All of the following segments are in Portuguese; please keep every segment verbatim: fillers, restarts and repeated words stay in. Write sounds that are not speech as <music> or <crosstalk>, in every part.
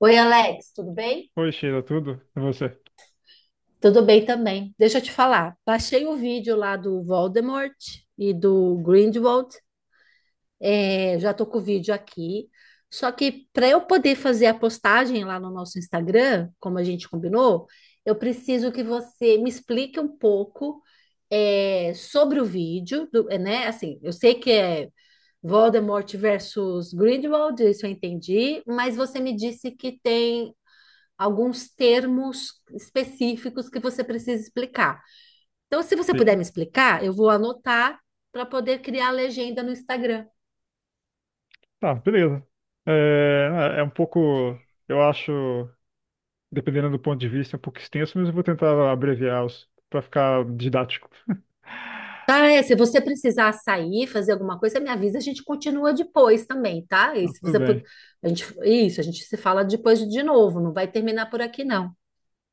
Oi, Alex, tudo bem? Oi, Sheila, tudo? E você? Tudo bem também. Deixa eu te falar. Baixei o vídeo lá do Voldemort e do Grindelwald. É, já tô com o vídeo aqui. Só que para eu poder fazer a postagem lá no nosso Instagram, como a gente combinou, eu preciso que você me explique um pouco é, sobre o vídeo, do- é, né? Assim, eu sei que é Voldemort versus Grindelwald, isso eu entendi, mas você me disse que tem alguns termos específicos que você precisa explicar. Então, se você puder Sim. me explicar, eu vou anotar para poder criar a legenda no Instagram. Tá, beleza. É, é um pouco, eu acho, dependendo do ponto de vista, um pouco extenso, mas eu vou tentar abreviar os para ficar didático. <laughs> Tá, é, se você precisar sair, fazer alguma coisa, me avisa, a gente continua depois também, tá? Tá, E se tudo você pud- bem. A gente, isso, a gente se fala depois de novo, não vai terminar por aqui, não.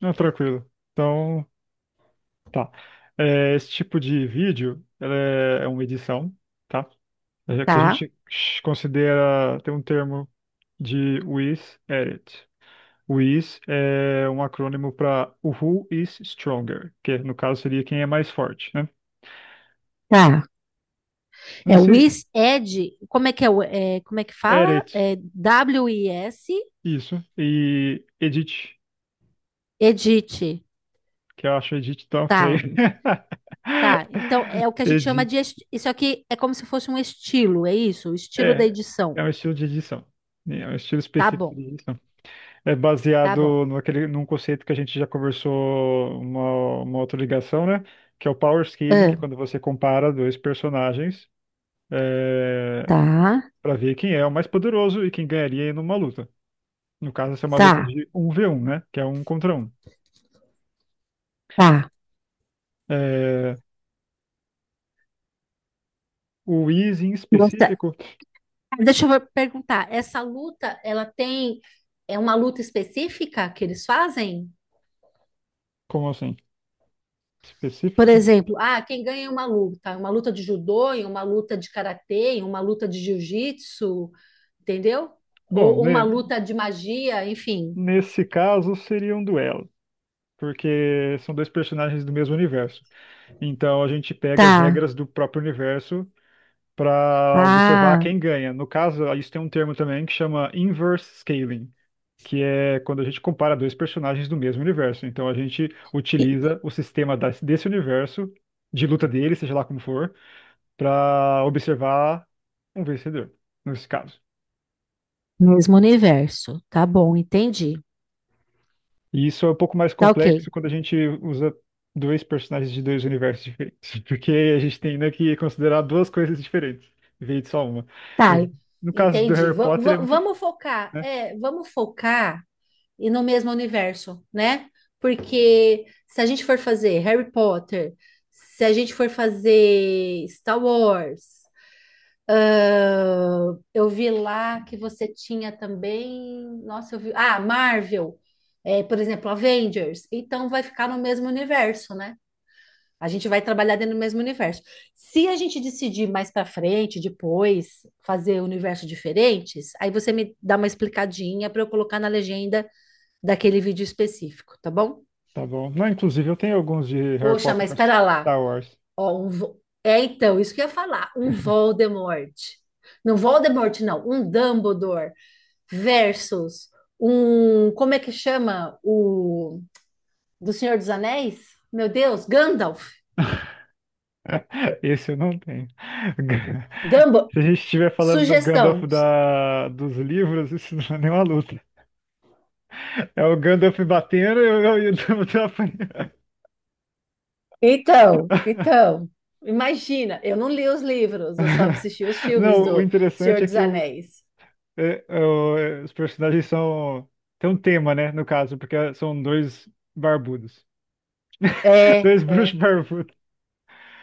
Não, tranquilo. Então, tá. É, esse tipo de vídeo, ela é é uma edição, tá? É que a Tá? gente considera, tem um termo de with edit. O is é um acrônimo para Who is Stronger, que no caso seria quem é mais forte, né? Tá. Não É o sei, is ed, como é que é, o- é, como é que fala? Edit É W-I-S, isso, e Edit, edit. que eu acho Edit tão feio. Tá. Tá, então <laughs> é o que a gente chama Edit, de. est- Isso aqui é como se fosse um estilo, é isso? O estilo da é, é edição. um estilo de edição, né? É um estilo Tá específico de bom, edição. É tá bom. baseado naquele, num conceito que a gente já conversou uma, uma outra ligação, né? Que é o power scaling, que é Ah, quando você compara dois personagens. É, tá, para ver quem é o mais poderoso e quem ganharia em uma luta. No caso, essa é uma luta tá, de um v um, né? Que é um contra um. tá. É, o Easy em Nossa, específico, ah, deixa eu perguntar, essa luta, ela tem. É uma luta específica que eles fazem? como assim? Por Específica? exemplo, ah, quem ganha é uma luta? Uma luta de judô, em uma luta de karatê, em uma luta de jiu-jitsu, entendeu? Bom, Ou, ou uma ne- luta de magia, enfim. nesse caso seria um duelo, porque são dois personagens do mesmo universo. Então a gente pega as Tá. regras do próprio universo para observar Ah. quem ganha. No caso, isso tem um termo também que chama inverse scaling, que é quando a gente compara dois personagens do mesmo universo. Então a gente utiliza o sistema das- desse universo, de luta dele, seja lá como for, para observar um vencedor, nesse caso. Mesmo universo. Tá bom, entendi. E isso é um pouco mais Tá ok. complexo quando a gente usa dois personagens de dois universos diferentes, <laughs> porque a gente tem, né, que considerar duas coisas diferentes, em vez de só uma. Tá, Mas no caso do entendi. Harry Va- Potter é va- muito, f- Vamos focar, né? é, vamos focar e no mesmo universo, né? Porque se a gente for fazer Harry Potter, se a gente for fazer Star Wars, ah, eu vi lá que você tinha também, nossa, eu vi, ah, Marvel, é, por exemplo, Avengers. Então vai ficar no mesmo universo, né? A gente vai trabalhar dentro do mesmo universo. Se a gente decidir mais para frente, depois, fazer universos diferentes, aí você me dá uma explicadinha para eu colocar na legenda daquele vídeo específico, tá bom? Tá bom. Não, inclusive eu tenho alguns de Harry Poxa, Potter mas versus espera lá. Star Wars. Ó, um Vo- é então, isso que eu ia falar, um Voldemort. Não Voldemort, não, um Dumbledore versus um, como é que chama o do Senhor dos Anéis? Meu Deus, Gandalf. <laughs> Esse eu não tenho. Ga- <laughs> Dumbledore. Se a gente estiver falando do Gandalf Sugestão, da, dos livros, isso não é nenhuma luta. É o Gandalf batendo e eu, eu, eu, tô apanhando. então, então, imagina, eu não li os livros, eu só <laughs> assisti os filmes Não, o do Senhor interessante é dos que o, Anéis. é, é o- é, os personagens são. Tem um tema, né? No caso, porque são dois barbudos. <laughs> É, Dois é. bruxos barbudos.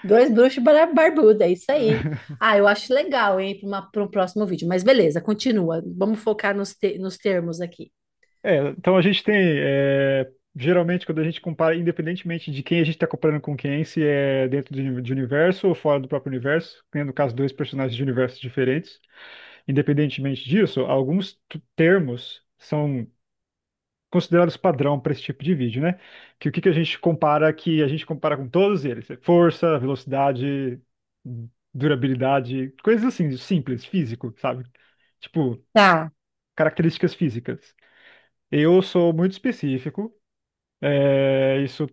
Dois bruxos bar- barbudos, é isso aí. Ah, eu acho legal, hein, para um próximo vídeo. Mas beleza, continua. Vamos focar nos, te- nos termos aqui. É, então a gente tem, é, geralmente quando a gente compara, independentemente de quem a gente está comparando com quem, se é dentro de, uni- de universo ou fora do próprio universo, que no caso dois personagens de universos diferentes, independentemente disso, alguns t- termos são considerados padrão para esse tipo de vídeo, né? Que o que que a gente compara, que a gente compara com todos eles, é força, velocidade, durabilidade, coisas assim, simples, físico, sabe? Tipo, Tá, características físicas. Eu sou muito específico, é, isso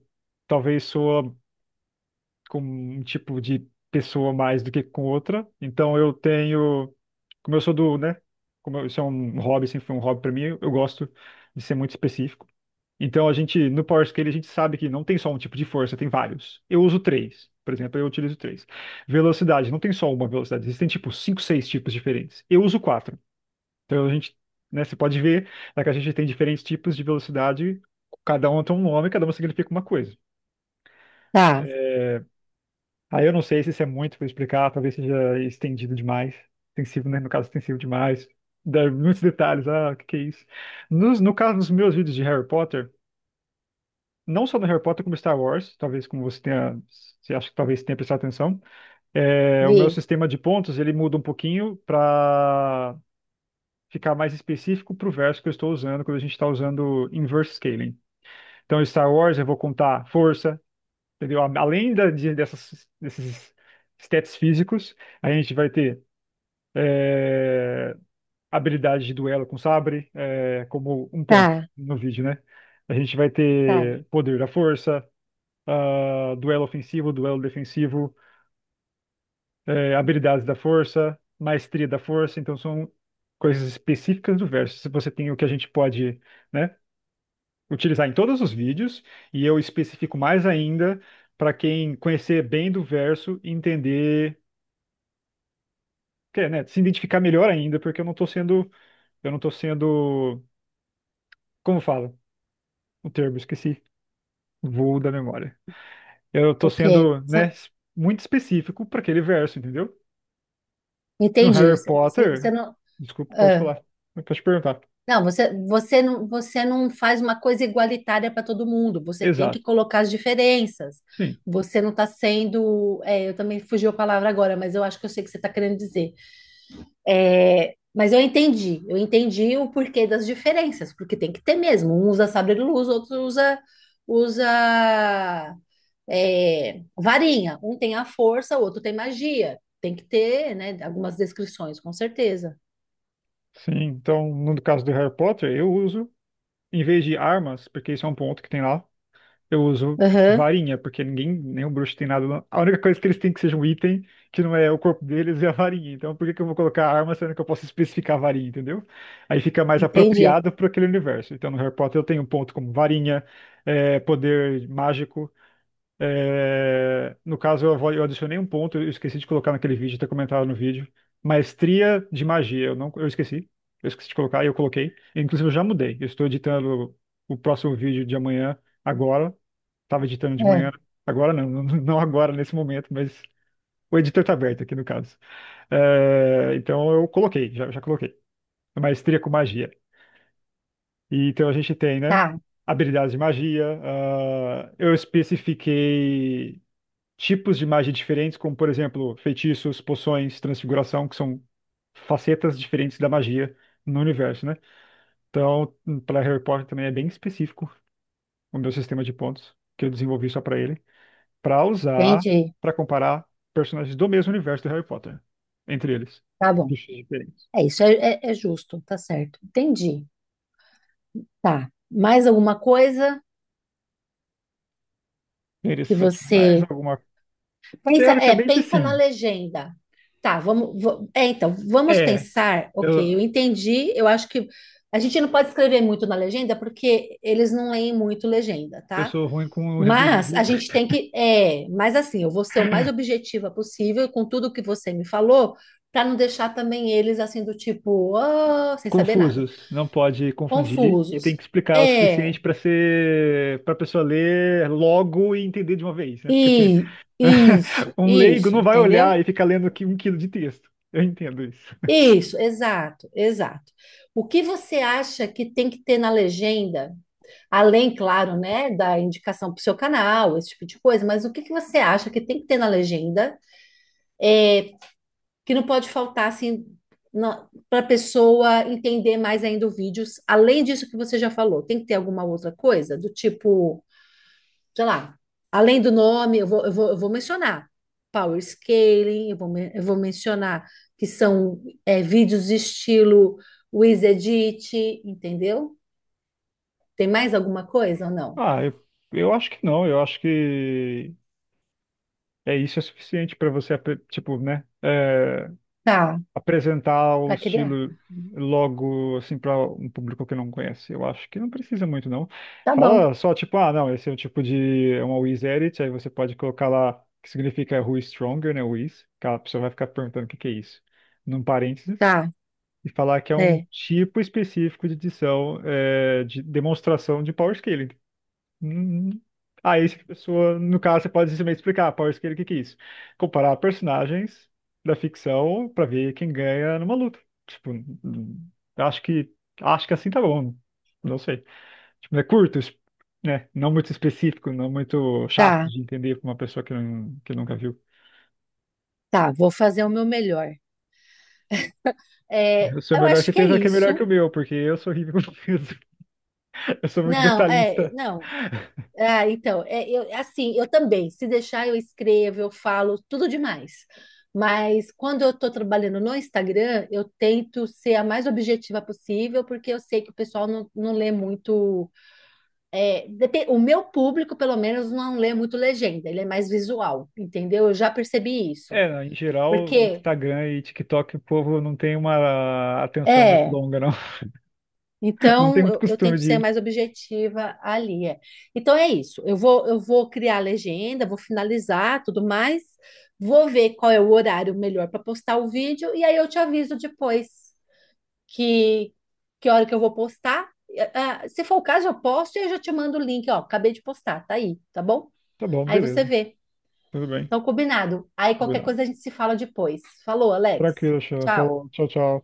talvez soa com um tipo de pessoa mais do que com outra. Então eu tenho, como eu sou do, né? Como eu- isso é um hobby, sempre foi um hobby para mim, eu gosto de ser muito específico. Então a gente, no Power Scale, a gente sabe que não tem só um tipo de força, tem vários. Eu uso três, por exemplo, eu utilizo três. Velocidade, não tem só uma velocidade, existem tipo cinco, seis tipos diferentes. Eu uso quatro. Então a gente, né, você pode ver, né, que a gente tem diferentes tipos de velocidade, cada uma tem um nome, cada uma significa uma coisa. tá, Aí eu não sei se isso é muito para explicar, talvez seja estendido demais, extensivo, né? No caso, extensivo demais. Dá muitos detalhes, ah, o que que é isso? Nos, no caso dos meus vídeos de Harry Potter, não só do Harry Potter, como Star Wars, talvez como você tenha, você acha que talvez tenha prestado atenção, é, o meu vi, sistema de pontos, ele muda um pouquinho para ficar mais específico para o verso que eu estou usando, quando a gente está usando inverse scaling. Então, em Star Wars, eu vou contar força, entendeu? Além da, de, dessas, desses stats físicos, a gente vai ter, é, habilidade de duelo com sabre, é, como um ponto tá, no vídeo, né? A gente vai tá. ter poder da força, ah, duelo ofensivo, duelo defensivo, é, habilidades da força, maestria da força. Então, são coisas específicas do verso. Se você tem o que a gente pode, né, utilizar em todos os vídeos, e eu especifico mais ainda para quem conhecer bem do verso e entender, quer, né, se identificar melhor ainda, porque eu não estou sendo, eu não estou sendo, como fala o termo, esqueci, voo da memória. Eu O estou quê? sendo, Cê- né, es- muito específico para aquele verso, entendeu? No Entendi. Harry Você Potter, não. desculpa, pode falar, pode perguntar. Não, você, você não, você não faz uma coisa igualitária para todo mundo. Você tem que Exato. colocar as diferenças. Sim. Você não está sendo. É, eu também fugiu a palavra agora, mas eu acho que eu sei o que você está querendo dizer. É, mas eu entendi. Eu entendi o porquê das diferenças, porque tem que ter mesmo. Um usa sabre-luz, outro usa, usa é, varinha. Um tem a força, o outro tem magia. Tem que ter, né, algumas descrições, com certeza. Sim, então no caso do Harry Potter, eu uso, em vez de armas, porque isso é um ponto que tem lá, eu uso Aham, varinha, porque ninguém, nenhum bruxo tem nada. Não. A única coisa que eles têm que seja um item, que não é o corpo deles, é a varinha. Então, por que que eu vou colocar arma sendo que eu posso especificar a varinha, entendeu? Aí fica mais entendi. apropriado para aquele universo. Então, no Harry Potter, eu tenho um ponto como varinha, é, poder mágico. É, no caso, eu, vou- eu adicionei um ponto, eu esqueci de colocar naquele vídeo, ter comentado no vídeo. Maestria de magia, eu não, eu esqueci. Eu esqueci de colocar e eu coloquei. Inclusive, eu já mudei. Eu estou editando o próximo vídeo de amanhã agora. Tava editando de É. manhã. Agora não, <laughs> não agora nesse momento, mas o editor tá aberto aqui no caso. É, então eu coloquei, já, já coloquei. Maestria com magia. E, então a gente tem, né? Tá. Habilidades de magia. Ah, eu especifiquei tipos de magia diferentes, como por exemplo, feitiços, poções, transfiguração, que são facetas diferentes da magia no universo, né? Então, para Harry Potter também é bem específico o meu sistema de pontos, que eu desenvolvi só para ele. Para usar Entendi. para comparar personagens do mesmo universo do Harry Potter entre eles. Tá bom. Bichos diferentes. É isso, é, é- é justo, tá certo. Entendi. Tá. Mais alguma coisa que Interessante. Mais você alguma? pensa? É, Teoricamente, pensa na sim. legenda. Tá, vamos. va- é, então, vamos É, pensar. Ok, eu, eu entendi. Eu acho que a gente não pode escrever muito na legenda porque eles não leem muito legenda, eu tá? sou ruim com resumir, Mas a viu? gente tem que. É, mas assim, eu vou ser o mais objetiva possível com tudo que você me falou, para não deixar também eles assim do tipo, "Ah", sem saber nada. Confusos. Não pode confundir e Confusos. tem que explicar o suficiente É, para ser para pessoa ler logo e entender de uma vez, né? Porque tem- e <laughs> isso, um leigo isso, não vai olhar entendeu? e ficar lendo aqui um quilo de texto. Eu entendo isso. Isso, exato, exato. O que você acha que tem que ter na legenda, além, claro, né, da indicação para o seu canal, esse tipo de coisa, mas o que que você acha que tem que ter na legenda, é, que não pode faltar assim para a pessoa entender mais ainda o vídeo, além disso que você já falou, tem que ter alguma outra coisa, do tipo sei lá, além do nome, eu vou, eu vou, eu vou mencionar power scaling, eu vou, men- eu vou mencionar que são é, vídeos de estilo Wiz Edit, entendeu? Tem mais alguma coisa ou não? Ah, eu, eu acho que não. Eu acho que é, isso é suficiente para você, apre- tipo, né, é, Tá, apresentar o para criar. estilo logo, assim, para um público que não conhece. Eu acho que não precisa muito, não. Tá bom. Fala só, tipo, ah, não, esse é o tipo de, é uma Wiz Edit, aí você pode colocar lá, que significa Who is Stronger, né, Wiz, que a pessoa vai ficar perguntando o que que é isso, num parênteses, Tá, e falar que é um é, tipo específico de edição, é, de demonstração de Power Scaling. Hum, Aí, a pessoa, no caso, você pode simplesmente explicar, Power Scale, o que que é isso? Comparar personagens da ficção pra ver quem ganha numa luta. Tipo, hum, acho que acho que assim tá bom. Não sei. Tipo, é curto, es- né? Não muito específico, não muito chato tá, de entender pra uma pessoa que, não, que nunca viu. tá, vou fazer o meu melhor. É, O seu eu melhor acho que é certeza que é melhor que o isso. meu, porque eu sou horrível com peso. <laughs> Eu sou muito Não, é, detalhista. não. Ah, então, é, eu, é assim, eu também, se deixar eu escrevo, eu falo tudo demais. Mas quando eu estou trabalhando no Instagram, eu tento ser a mais objetiva possível, porque eu sei que o pessoal não, não lê muito. É, depe- o meu público, pelo menos, não lê muito legenda, ele é mais visual, entendeu? Eu já percebi isso. É, em geral, Porque. Instagram e TikTok, o povo não tem uma atenção muito É longa, não. Não tem então, muito eu, eu costume tento ser de mais objetiva ali. É. Então, é isso. Eu vou, eu vou criar a legenda, vou finalizar tudo mais, vou ver qual é o horário melhor para postar o vídeo, e aí eu te aviso depois que, que hora que eu vou postar. Eh, ah, se for o caso, eu posto e eu já te mando o link, ó. Acabei de postar, tá aí, tá bom? tá bom, Aí você beleza. vê. Tudo bem. Então, combinado. Aí qualquer Combinado. coisa a gente se fala depois. Falou, Alex. Tranquilo, Sheila. Tchau. Falou. Tchau, tchau.